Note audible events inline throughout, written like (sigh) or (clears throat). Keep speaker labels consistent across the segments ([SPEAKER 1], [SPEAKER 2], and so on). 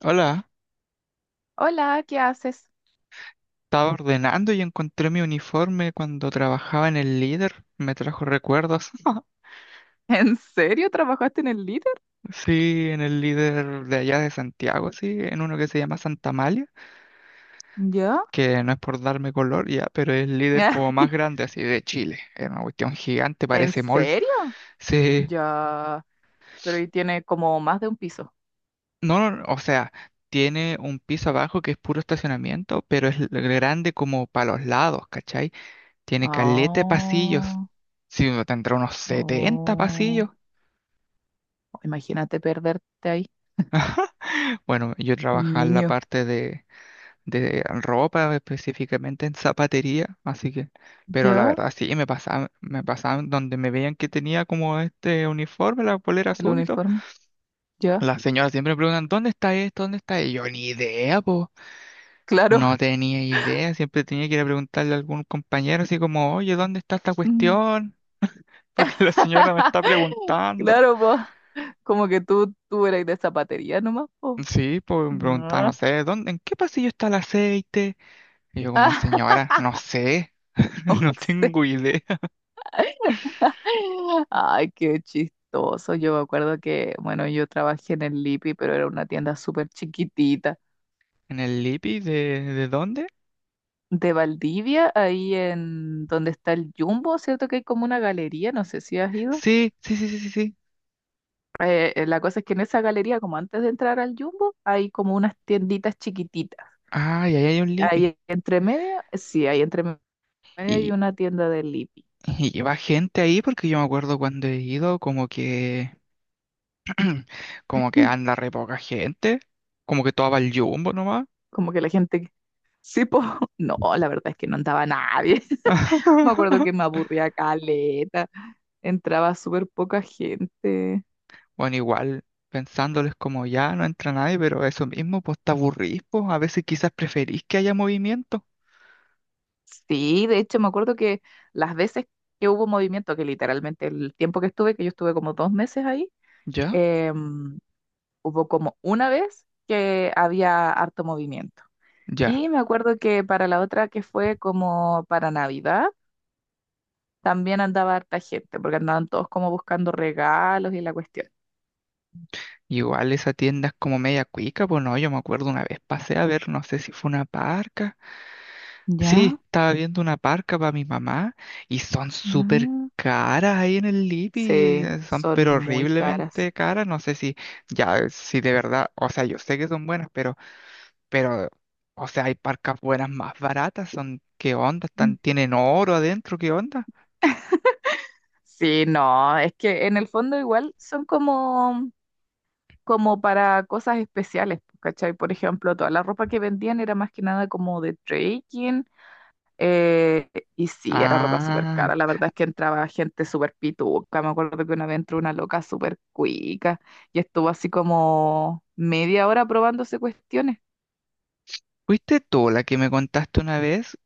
[SPEAKER 1] Hola,
[SPEAKER 2] Hola, ¿qué haces?
[SPEAKER 1] estaba ordenando y encontré mi uniforme cuando trabajaba en el Líder. Me trajo recuerdos. (laughs)
[SPEAKER 2] (laughs) ¿En serio trabajaste en el líder?
[SPEAKER 1] Sí, en el Líder de allá de Santiago, sí, en uno que se llama Santa Malia,
[SPEAKER 2] ¿Yo?
[SPEAKER 1] que no es por darme color ya, pero es el Líder
[SPEAKER 2] (laughs)
[SPEAKER 1] como más grande así de Chile. Es una cuestión gigante,
[SPEAKER 2] ¿En
[SPEAKER 1] parece mall.
[SPEAKER 2] serio?
[SPEAKER 1] Sí,
[SPEAKER 2] Ya, pero ahí tiene como más de un piso.
[SPEAKER 1] no, no, o sea, tiene un piso abajo que es puro estacionamiento, pero es grande como para los lados, ¿cachai? Tiene caleta de pasillos.
[SPEAKER 2] Oh,
[SPEAKER 1] Sí, uno tendrá unos 70
[SPEAKER 2] oh.
[SPEAKER 1] pasillos.
[SPEAKER 2] Imagínate perderte ahí.
[SPEAKER 1] Bueno, yo
[SPEAKER 2] Un
[SPEAKER 1] trabajaba en la
[SPEAKER 2] niño.
[SPEAKER 1] parte de ropa, específicamente en zapatería, así que, pero la
[SPEAKER 2] ¿Ya?
[SPEAKER 1] verdad sí, me pasaban donde me veían que tenía como este uniforme, la polera
[SPEAKER 2] ¿El
[SPEAKER 1] azul y todo.
[SPEAKER 2] uniforme? ¿Ya?
[SPEAKER 1] Las señoras siempre me preguntan, ¿dónde está esto? ¿Dónde está? Y yo ni idea, po. No
[SPEAKER 2] Claro.
[SPEAKER 1] tenía idea, siempre tenía que ir a preguntarle a algún compañero así como, oye, ¿dónde está esta
[SPEAKER 2] Mm.
[SPEAKER 1] cuestión? (laughs) Porque la señora me está
[SPEAKER 2] (laughs)
[SPEAKER 1] preguntando.
[SPEAKER 2] Claro, po. Como que tú eras de zapatería nomás, po.
[SPEAKER 1] Sí, pues me preguntaban, no
[SPEAKER 2] Ah,
[SPEAKER 1] sé, ¿dónde, en qué pasillo está el aceite? Y yo
[SPEAKER 2] (laughs)
[SPEAKER 1] como,
[SPEAKER 2] ah,
[SPEAKER 1] señora, no sé, (laughs)
[SPEAKER 2] no
[SPEAKER 1] no
[SPEAKER 2] sé.
[SPEAKER 1] tengo idea.
[SPEAKER 2] (laughs) Ay, qué chistoso. Yo me acuerdo que, bueno, yo trabajé en el Lipi, pero era una tienda súper chiquitita.
[SPEAKER 1] ¿En el Lipi de dónde?
[SPEAKER 2] De Valdivia, ahí en donde está el Jumbo, ¿cierto? Que hay como una galería, no sé si has ido.
[SPEAKER 1] Sí, sí, sí, sí, sí, sí.
[SPEAKER 2] La cosa es que en esa galería, como antes de entrar al Jumbo, hay como unas tienditas chiquititas.
[SPEAKER 1] Ah, y ahí hay un Lipi.
[SPEAKER 2] Ahí entre medio, sí, ahí entre medio hay
[SPEAKER 1] Y,
[SPEAKER 2] una tienda del Lipi.
[SPEAKER 1] y lleva gente ahí porque yo me acuerdo cuando he ido como que, (clears throat) como que
[SPEAKER 2] (laughs)
[SPEAKER 1] anda re poca gente, como que todo va al jumbo nomás.
[SPEAKER 2] Como que la gente, sí, po. (laughs) No, la verdad es que no andaba nadie. (laughs) Me acuerdo que me
[SPEAKER 1] (laughs)
[SPEAKER 2] aburría caleta. Entraba súper poca gente.
[SPEAKER 1] Bueno, igual, pensándoles como ya no entra nadie, pero eso mismo, pues te aburrís, pues a veces quizás preferís que haya movimiento.
[SPEAKER 2] Sí, de hecho me acuerdo que las veces que hubo movimiento, que literalmente el tiempo que estuve, que yo estuve como 2 meses ahí,
[SPEAKER 1] ¿Ya?
[SPEAKER 2] em, hubo como una vez que había harto movimiento.
[SPEAKER 1] Ya.
[SPEAKER 2] Y me acuerdo que para la otra que fue como para Navidad, también andaba harta gente, porque andaban todos como buscando regalos y la cuestión.
[SPEAKER 1] Y igual esa tienda es como media cuica, pues no, yo me acuerdo una vez pasé a ver, no sé si fue una parca. Sí,
[SPEAKER 2] ¿Ya?
[SPEAKER 1] estaba viendo una parca para mi mamá y son súper
[SPEAKER 2] Ah.
[SPEAKER 1] caras ahí en el Lipi,
[SPEAKER 2] Sí,
[SPEAKER 1] son pero
[SPEAKER 2] son muy caras.
[SPEAKER 1] horriblemente caras, no sé si ya, si de verdad, o sea, yo sé que son buenas, pero, o sea, hay parcas buenas más baratas, son, ¿qué onda? Están, tienen oro adentro, ¿qué onda?
[SPEAKER 2] Sí, no, es que en el fondo igual son como, como para cosas especiales, pues, ¿cachai? Por ejemplo, toda la ropa que vendían era más que nada como de trekking, eh, y sí, era ropa súper
[SPEAKER 1] Ah,
[SPEAKER 2] cara, la verdad es que entraba gente súper pituca, me acuerdo que una vez entró una loca súper cuica y estuvo así como media hora probándose cuestiones.
[SPEAKER 1] ¿fuiste tú la que me contaste una vez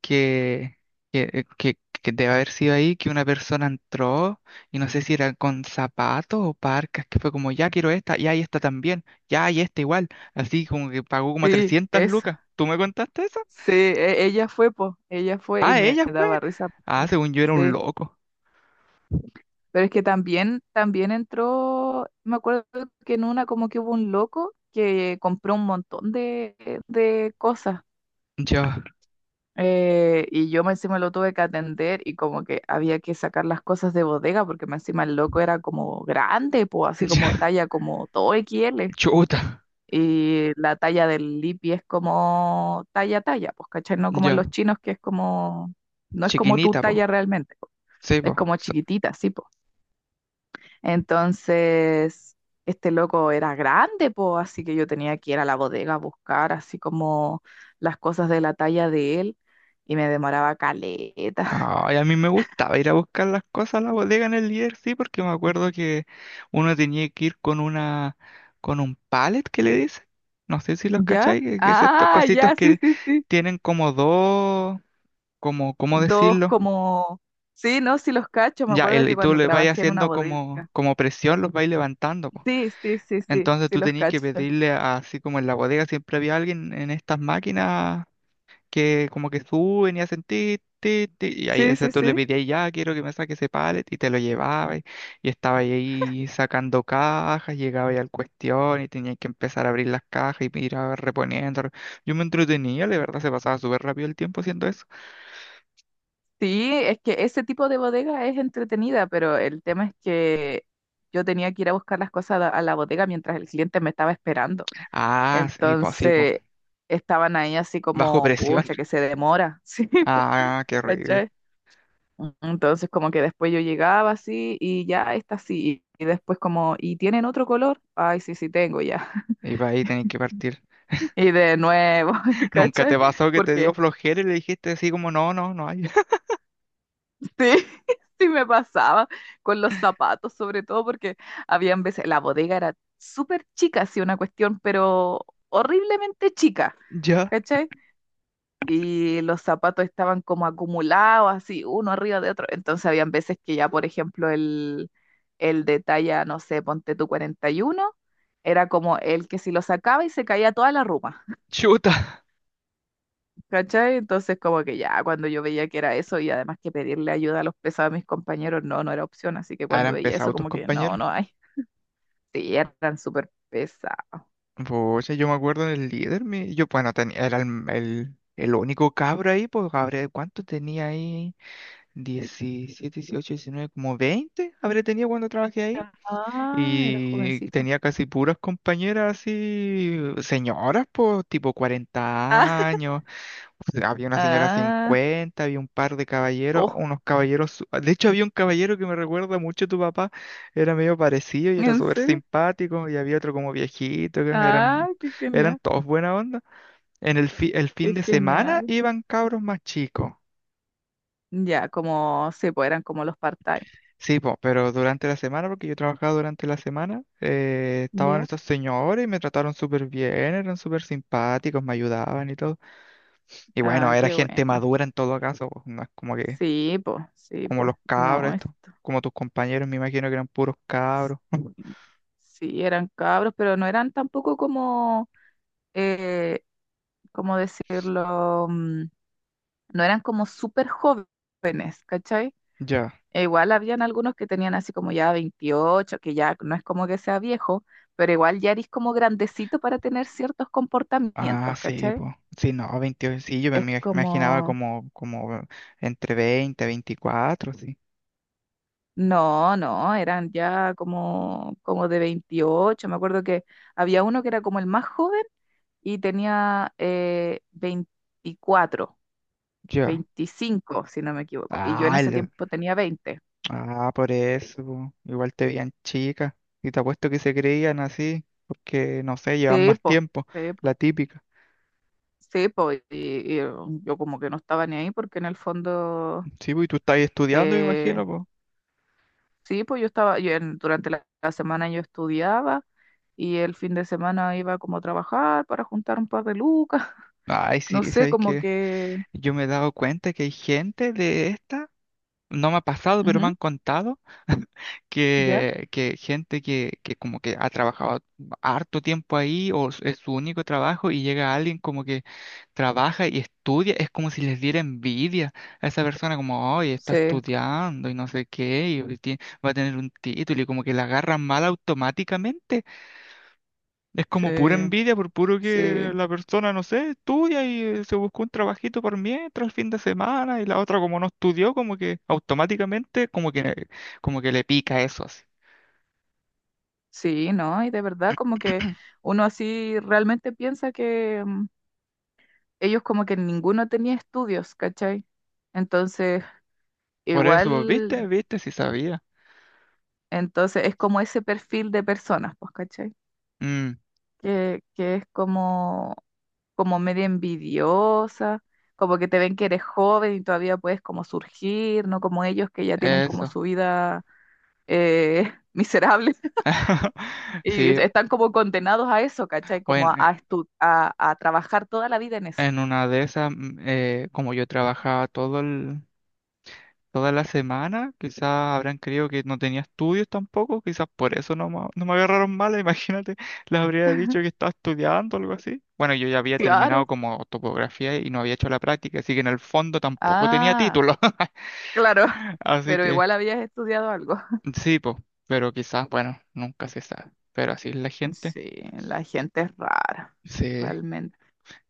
[SPEAKER 1] que, que debe haber sido ahí que una persona entró y no sé si era con zapatos o parcas, que fue como, ya quiero esta, ya y esta también, ya y esta igual, así como que pagó como
[SPEAKER 2] Sí,
[SPEAKER 1] 300
[SPEAKER 2] eso,
[SPEAKER 1] lucas. ¿Tú me contaste eso?
[SPEAKER 2] sí, ella fue, pues, ella fue y
[SPEAKER 1] Ah,
[SPEAKER 2] me
[SPEAKER 1] ella fue.
[SPEAKER 2] daba risa.
[SPEAKER 1] Ah, según yo era un
[SPEAKER 2] Sí.
[SPEAKER 1] loco.
[SPEAKER 2] Pero es que también, también entró, me acuerdo que en una como que hubo un loco que compró un montón de cosas.
[SPEAKER 1] Ya,
[SPEAKER 2] Y yo me encima lo tuve que atender y como que había que sacar las cosas de bodega porque me encima el loco era como grande, pues así
[SPEAKER 1] ya,
[SPEAKER 2] como talla como todo XL.
[SPEAKER 1] (laughs) chuta,
[SPEAKER 2] Y la talla del Lipi es como talla talla, pues cachai, no como en
[SPEAKER 1] ya,
[SPEAKER 2] los chinos que es como, no es como tu
[SPEAKER 1] chiquinita, po.
[SPEAKER 2] talla realmente, po.
[SPEAKER 1] Sí,
[SPEAKER 2] Es
[SPEAKER 1] po.
[SPEAKER 2] como chiquitita, sí. Entonces, este loco era grande, po, así que yo tenía que ir a la bodega a buscar así como las cosas de la talla de él y me demoraba caleta. (laughs)
[SPEAKER 1] Ay, a mí me gustaba ir a buscar las cosas a la bodega en el líder, sí, porque me acuerdo que uno tenía que ir con una, con un pallet que le dice, no sé si los
[SPEAKER 2] ¿Ya?
[SPEAKER 1] cacháis, que es estos
[SPEAKER 2] Ah,
[SPEAKER 1] cositos
[SPEAKER 2] ya, sí,
[SPEAKER 1] que
[SPEAKER 2] sí, sí.
[SPEAKER 1] tienen como dos, como, ¿cómo
[SPEAKER 2] Dos
[SPEAKER 1] decirlo?
[SPEAKER 2] como... Sí, no, sí los cacho. Me
[SPEAKER 1] Ya,
[SPEAKER 2] acuerdo que
[SPEAKER 1] y tú
[SPEAKER 2] cuando
[SPEAKER 1] le vas
[SPEAKER 2] trabajé en una
[SPEAKER 1] haciendo
[SPEAKER 2] bodega.
[SPEAKER 1] como, como presión, los vais levantando, po.
[SPEAKER 2] Sí, sí, sí, sí,
[SPEAKER 1] Entonces
[SPEAKER 2] sí
[SPEAKER 1] tú
[SPEAKER 2] los
[SPEAKER 1] tenías que
[SPEAKER 2] cacho.
[SPEAKER 1] pedirle así como en la bodega siempre había alguien en estas máquinas que como que suben y hacen ti, ti, ti, y ahí
[SPEAKER 2] Sí,
[SPEAKER 1] ese
[SPEAKER 2] sí,
[SPEAKER 1] tú le
[SPEAKER 2] sí.
[SPEAKER 1] pedías ya, quiero que me saque ese pallet y te lo llevaba y estaba ahí sacando cajas, llegaba ahí al cuestión y tenía que empezar a abrir las cajas y ir reponiendo. Yo me entretenía, la verdad se pasaba súper rápido el tiempo haciendo eso.
[SPEAKER 2] Sí, es que ese tipo de bodega es entretenida, pero el tema es que yo tenía que ir a buscar las cosas a la bodega mientras el cliente me estaba esperando.
[SPEAKER 1] Ah, sí, pues,
[SPEAKER 2] Entonces estaban ahí así
[SPEAKER 1] bajo
[SPEAKER 2] como,
[SPEAKER 1] presión.
[SPEAKER 2] pucha,
[SPEAKER 1] (laughs)
[SPEAKER 2] que se demora. (laughs) Sí, po,
[SPEAKER 1] Ah, qué horrible.
[SPEAKER 2] ¿cachai? Entonces como que después yo llegaba así y ya está así. Y después como, ¿y tienen otro color? Ay, sí, sí tengo ya.
[SPEAKER 1] Y para ahí tenés que partir.
[SPEAKER 2] (laughs) Y de nuevo, (laughs)
[SPEAKER 1] ¿Nunca
[SPEAKER 2] ¿cachai?
[SPEAKER 1] te pasó que te dio
[SPEAKER 2] Porque
[SPEAKER 1] flojera y le dijiste así como, no, no, no hay? (laughs)
[SPEAKER 2] sí, (laughs) sí me pasaba con los zapatos, sobre todo porque habían veces, la bodega era súper chica, sí, una cuestión, pero horriblemente chica,
[SPEAKER 1] Ya,
[SPEAKER 2] ¿cachai? Y los zapatos estaban como acumulados, así, uno arriba de otro. Entonces habían veces que ya, por ejemplo, el de talla, no sé, ponte tú 41 era como el que si lo sacaba y se caía toda la ruma.
[SPEAKER 1] chuta.
[SPEAKER 2] ¿Cachai? Entonces, como que ya, cuando yo veía que era eso, y además que pedirle ayuda a los pesados a mis compañeros, no, no era opción. Así que
[SPEAKER 1] Ahora
[SPEAKER 2] cuando veía eso,
[SPEAKER 1] empezado tus
[SPEAKER 2] como que no,
[SPEAKER 1] compañeros.
[SPEAKER 2] no hay. (laughs) Sí, eran súper pesados.
[SPEAKER 1] Pucha, yo me acuerdo del líder, mi, yo, bueno, tenía, era el único cabro ahí, pues, habré, ¿cuánto tenía ahí? 17, 18, 19, como 20 habré tenido cuando trabajé ahí.
[SPEAKER 2] Ah, era
[SPEAKER 1] Y
[SPEAKER 2] jovencito.
[SPEAKER 1] tenía casi puras compañeras así, señoras, pues, tipo
[SPEAKER 2] Ah,
[SPEAKER 1] 40
[SPEAKER 2] (laughs)
[SPEAKER 1] años. (laughs) Había una señora
[SPEAKER 2] ah,
[SPEAKER 1] 50, había un par de caballeros,
[SPEAKER 2] oh,
[SPEAKER 1] unos caballeros. De hecho, había un caballero que me recuerda mucho a tu papá, era medio parecido y era
[SPEAKER 2] ¿en
[SPEAKER 1] súper
[SPEAKER 2] serio?
[SPEAKER 1] simpático, y había otro como viejito, que eran,
[SPEAKER 2] Ah, qué
[SPEAKER 1] eran
[SPEAKER 2] genial,
[SPEAKER 1] todos buena onda. En el, el fin
[SPEAKER 2] qué
[SPEAKER 1] de semana
[SPEAKER 2] genial.
[SPEAKER 1] iban cabros más chicos.
[SPEAKER 2] Ya, como, sí, pues eran como los part-time.
[SPEAKER 1] Sí, po, pero durante la semana, porque yo trabajaba durante la semana, estaban
[SPEAKER 2] Ya,
[SPEAKER 1] estos señores y me trataron súper bien, eran súper simpáticos, me ayudaban y todo. Y
[SPEAKER 2] ah,
[SPEAKER 1] bueno, era
[SPEAKER 2] qué
[SPEAKER 1] gente
[SPEAKER 2] bueno.
[SPEAKER 1] madura en todo caso, pues, no es como que
[SPEAKER 2] Sí,
[SPEAKER 1] como
[SPEAKER 2] pues,
[SPEAKER 1] los cabros,
[SPEAKER 2] no,
[SPEAKER 1] estos,
[SPEAKER 2] esto.
[SPEAKER 1] como tus compañeros, me imagino que eran puros cabros. (laughs)
[SPEAKER 2] Sí, sí, eran cabros, pero no eran tampoco como eh, ¿cómo decirlo? Mm, no eran como súper jóvenes, ¿cachai?
[SPEAKER 1] Ya.
[SPEAKER 2] E igual habían algunos que tenían así como ya 28, que ya no es como que sea viejo, pero igual ya eres como grandecito para tener ciertos
[SPEAKER 1] Ah,
[SPEAKER 2] comportamientos,
[SPEAKER 1] sí,
[SPEAKER 2] ¿cachai?
[SPEAKER 1] pues. Sí, no, 28 sí, yo me
[SPEAKER 2] Es
[SPEAKER 1] imaginaba
[SPEAKER 2] como,
[SPEAKER 1] como, como entre 20, 24, sí.
[SPEAKER 2] no, no, eran ya como, como de 28. Me acuerdo que había uno que era como el más joven y tenía 24.
[SPEAKER 1] Ya.
[SPEAKER 2] 25, si no me equivoco. Y yo en
[SPEAKER 1] Ah,
[SPEAKER 2] ese tiempo tenía 20.
[SPEAKER 1] ah, por eso, po. Igual te veían chicas. Y te apuesto que se creían así, porque, no sé, llevan
[SPEAKER 2] Sí,
[SPEAKER 1] más
[SPEAKER 2] pues,
[SPEAKER 1] tiempo,
[SPEAKER 2] sí, po,
[SPEAKER 1] la típica.
[SPEAKER 2] sí, po, y yo como que no estaba ni ahí porque en el fondo,
[SPEAKER 1] Sí, pues, y tú estás estudiando, me
[SPEAKER 2] eh,
[SPEAKER 1] imagino, pues.
[SPEAKER 2] sí, pues yo estaba, durante la semana yo estudiaba y el fin de semana iba como a trabajar para juntar un par de lucas, (laughs)
[SPEAKER 1] Ay, sí,
[SPEAKER 2] no sé,
[SPEAKER 1] ¿sabes
[SPEAKER 2] como
[SPEAKER 1] qué?
[SPEAKER 2] que,
[SPEAKER 1] Yo me he dado cuenta que hay gente de esta no me ha pasado, pero me
[SPEAKER 2] ujú,
[SPEAKER 1] han contado (laughs)
[SPEAKER 2] ya,
[SPEAKER 1] que, que gente que como que ha trabajado harto tiempo ahí o es su único trabajo y llega alguien como que trabaja y estudia, es como si les diera envidia a esa persona como, oye, está
[SPEAKER 2] sí,
[SPEAKER 1] estudiando y no sé qué, y hoy va a tener un título y como que la agarran mal automáticamente. Es
[SPEAKER 2] sí,
[SPEAKER 1] como pura envidia por puro
[SPEAKER 2] sí,
[SPEAKER 1] que la persona, no sé, estudia y se buscó un trabajito por mientras el fin de semana y la otra como no estudió, como que automáticamente como que le pica eso así.
[SPEAKER 2] sí, ¿no? Y de verdad como que
[SPEAKER 1] (clears throat)
[SPEAKER 2] uno así realmente piensa que mm, ellos como que ninguno tenía estudios, ¿cachai? Entonces...
[SPEAKER 1] Por eso,
[SPEAKER 2] Igual
[SPEAKER 1] ¿viste? ¿Viste? Si sabía.
[SPEAKER 2] entonces es como ese perfil de personas, pues, ¿cachai?
[SPEAKER 1] Mm,
[SPEAKER 2] Que es como, como media envidiosa, como que te ven que eres joven y todavía puedes como surgir, no como ellos que ya tienen como
[SPEAKER 1] eso.
[SPEAKER 2] su vida (laughs) miserable (laughs)
[SPEAKER 1] (laughs) Sí,
[SPEAKER 2] y están como condenados a eso, ¿cachai? Como
[SPEAKER 1] bueno,
[SPEAKER 2] a, a trabajar toda la vida en eso.
[SPEAKER 1] en una de esas, mm, como yo trabajaba toda la semana. Quizás habrán creído que no tenía estudios tampoco. Quizás por eso no, no me agarraron mal. (laughs) Imagínate, les habría dicho que estaba estudiando o algo así. Bueno, yo ya había terminado
[SPEAKER 2] Claro.
[SPEAKER 1] como topografía y no había hecho la práctica, así que en el fondo tampoco tenía
[SPEAKER 2] Ah,
[SPEAKER 1] título. (laughs)
[SPEAKER 2] claro. (laughs)
[SPEAKER 1] Así
[SPEAKER 2] Pero
[SPEAKER 1] que
[SPEAKER 2] igual habías estudiado algo. (laughs)
[SPEAKER 1] sí, pues, pero quizás, bueno, nunca se sabe. Pero así es la gente.
[SPEAKER 2] Sí, la gente es rara,
[SPEAKER 1] Sí,
[SPEAKER 2] realmente.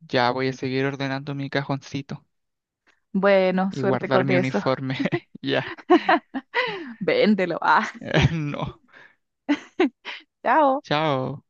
[SPEAKER 1] ya voy a seguir ordenando mi cajoncito
[SPEAKER 2] Bueno,
[SPEAKER 1] y
[SPEAKER 2] suerte
[SPEAKER 1] guardar
[SPEAKER 2] con
[SPEAKER 1] mi
[SPEAKER 2] eso.
[SPEAKER 1] uniforme. (laughs) Ya.
[SPEAKER 2] Véndelo. Ah,
[SPEAKER 1] (laughs) No.
[SPEAKER 2] (laughs) chao.
[SPEAKER 1] Chao.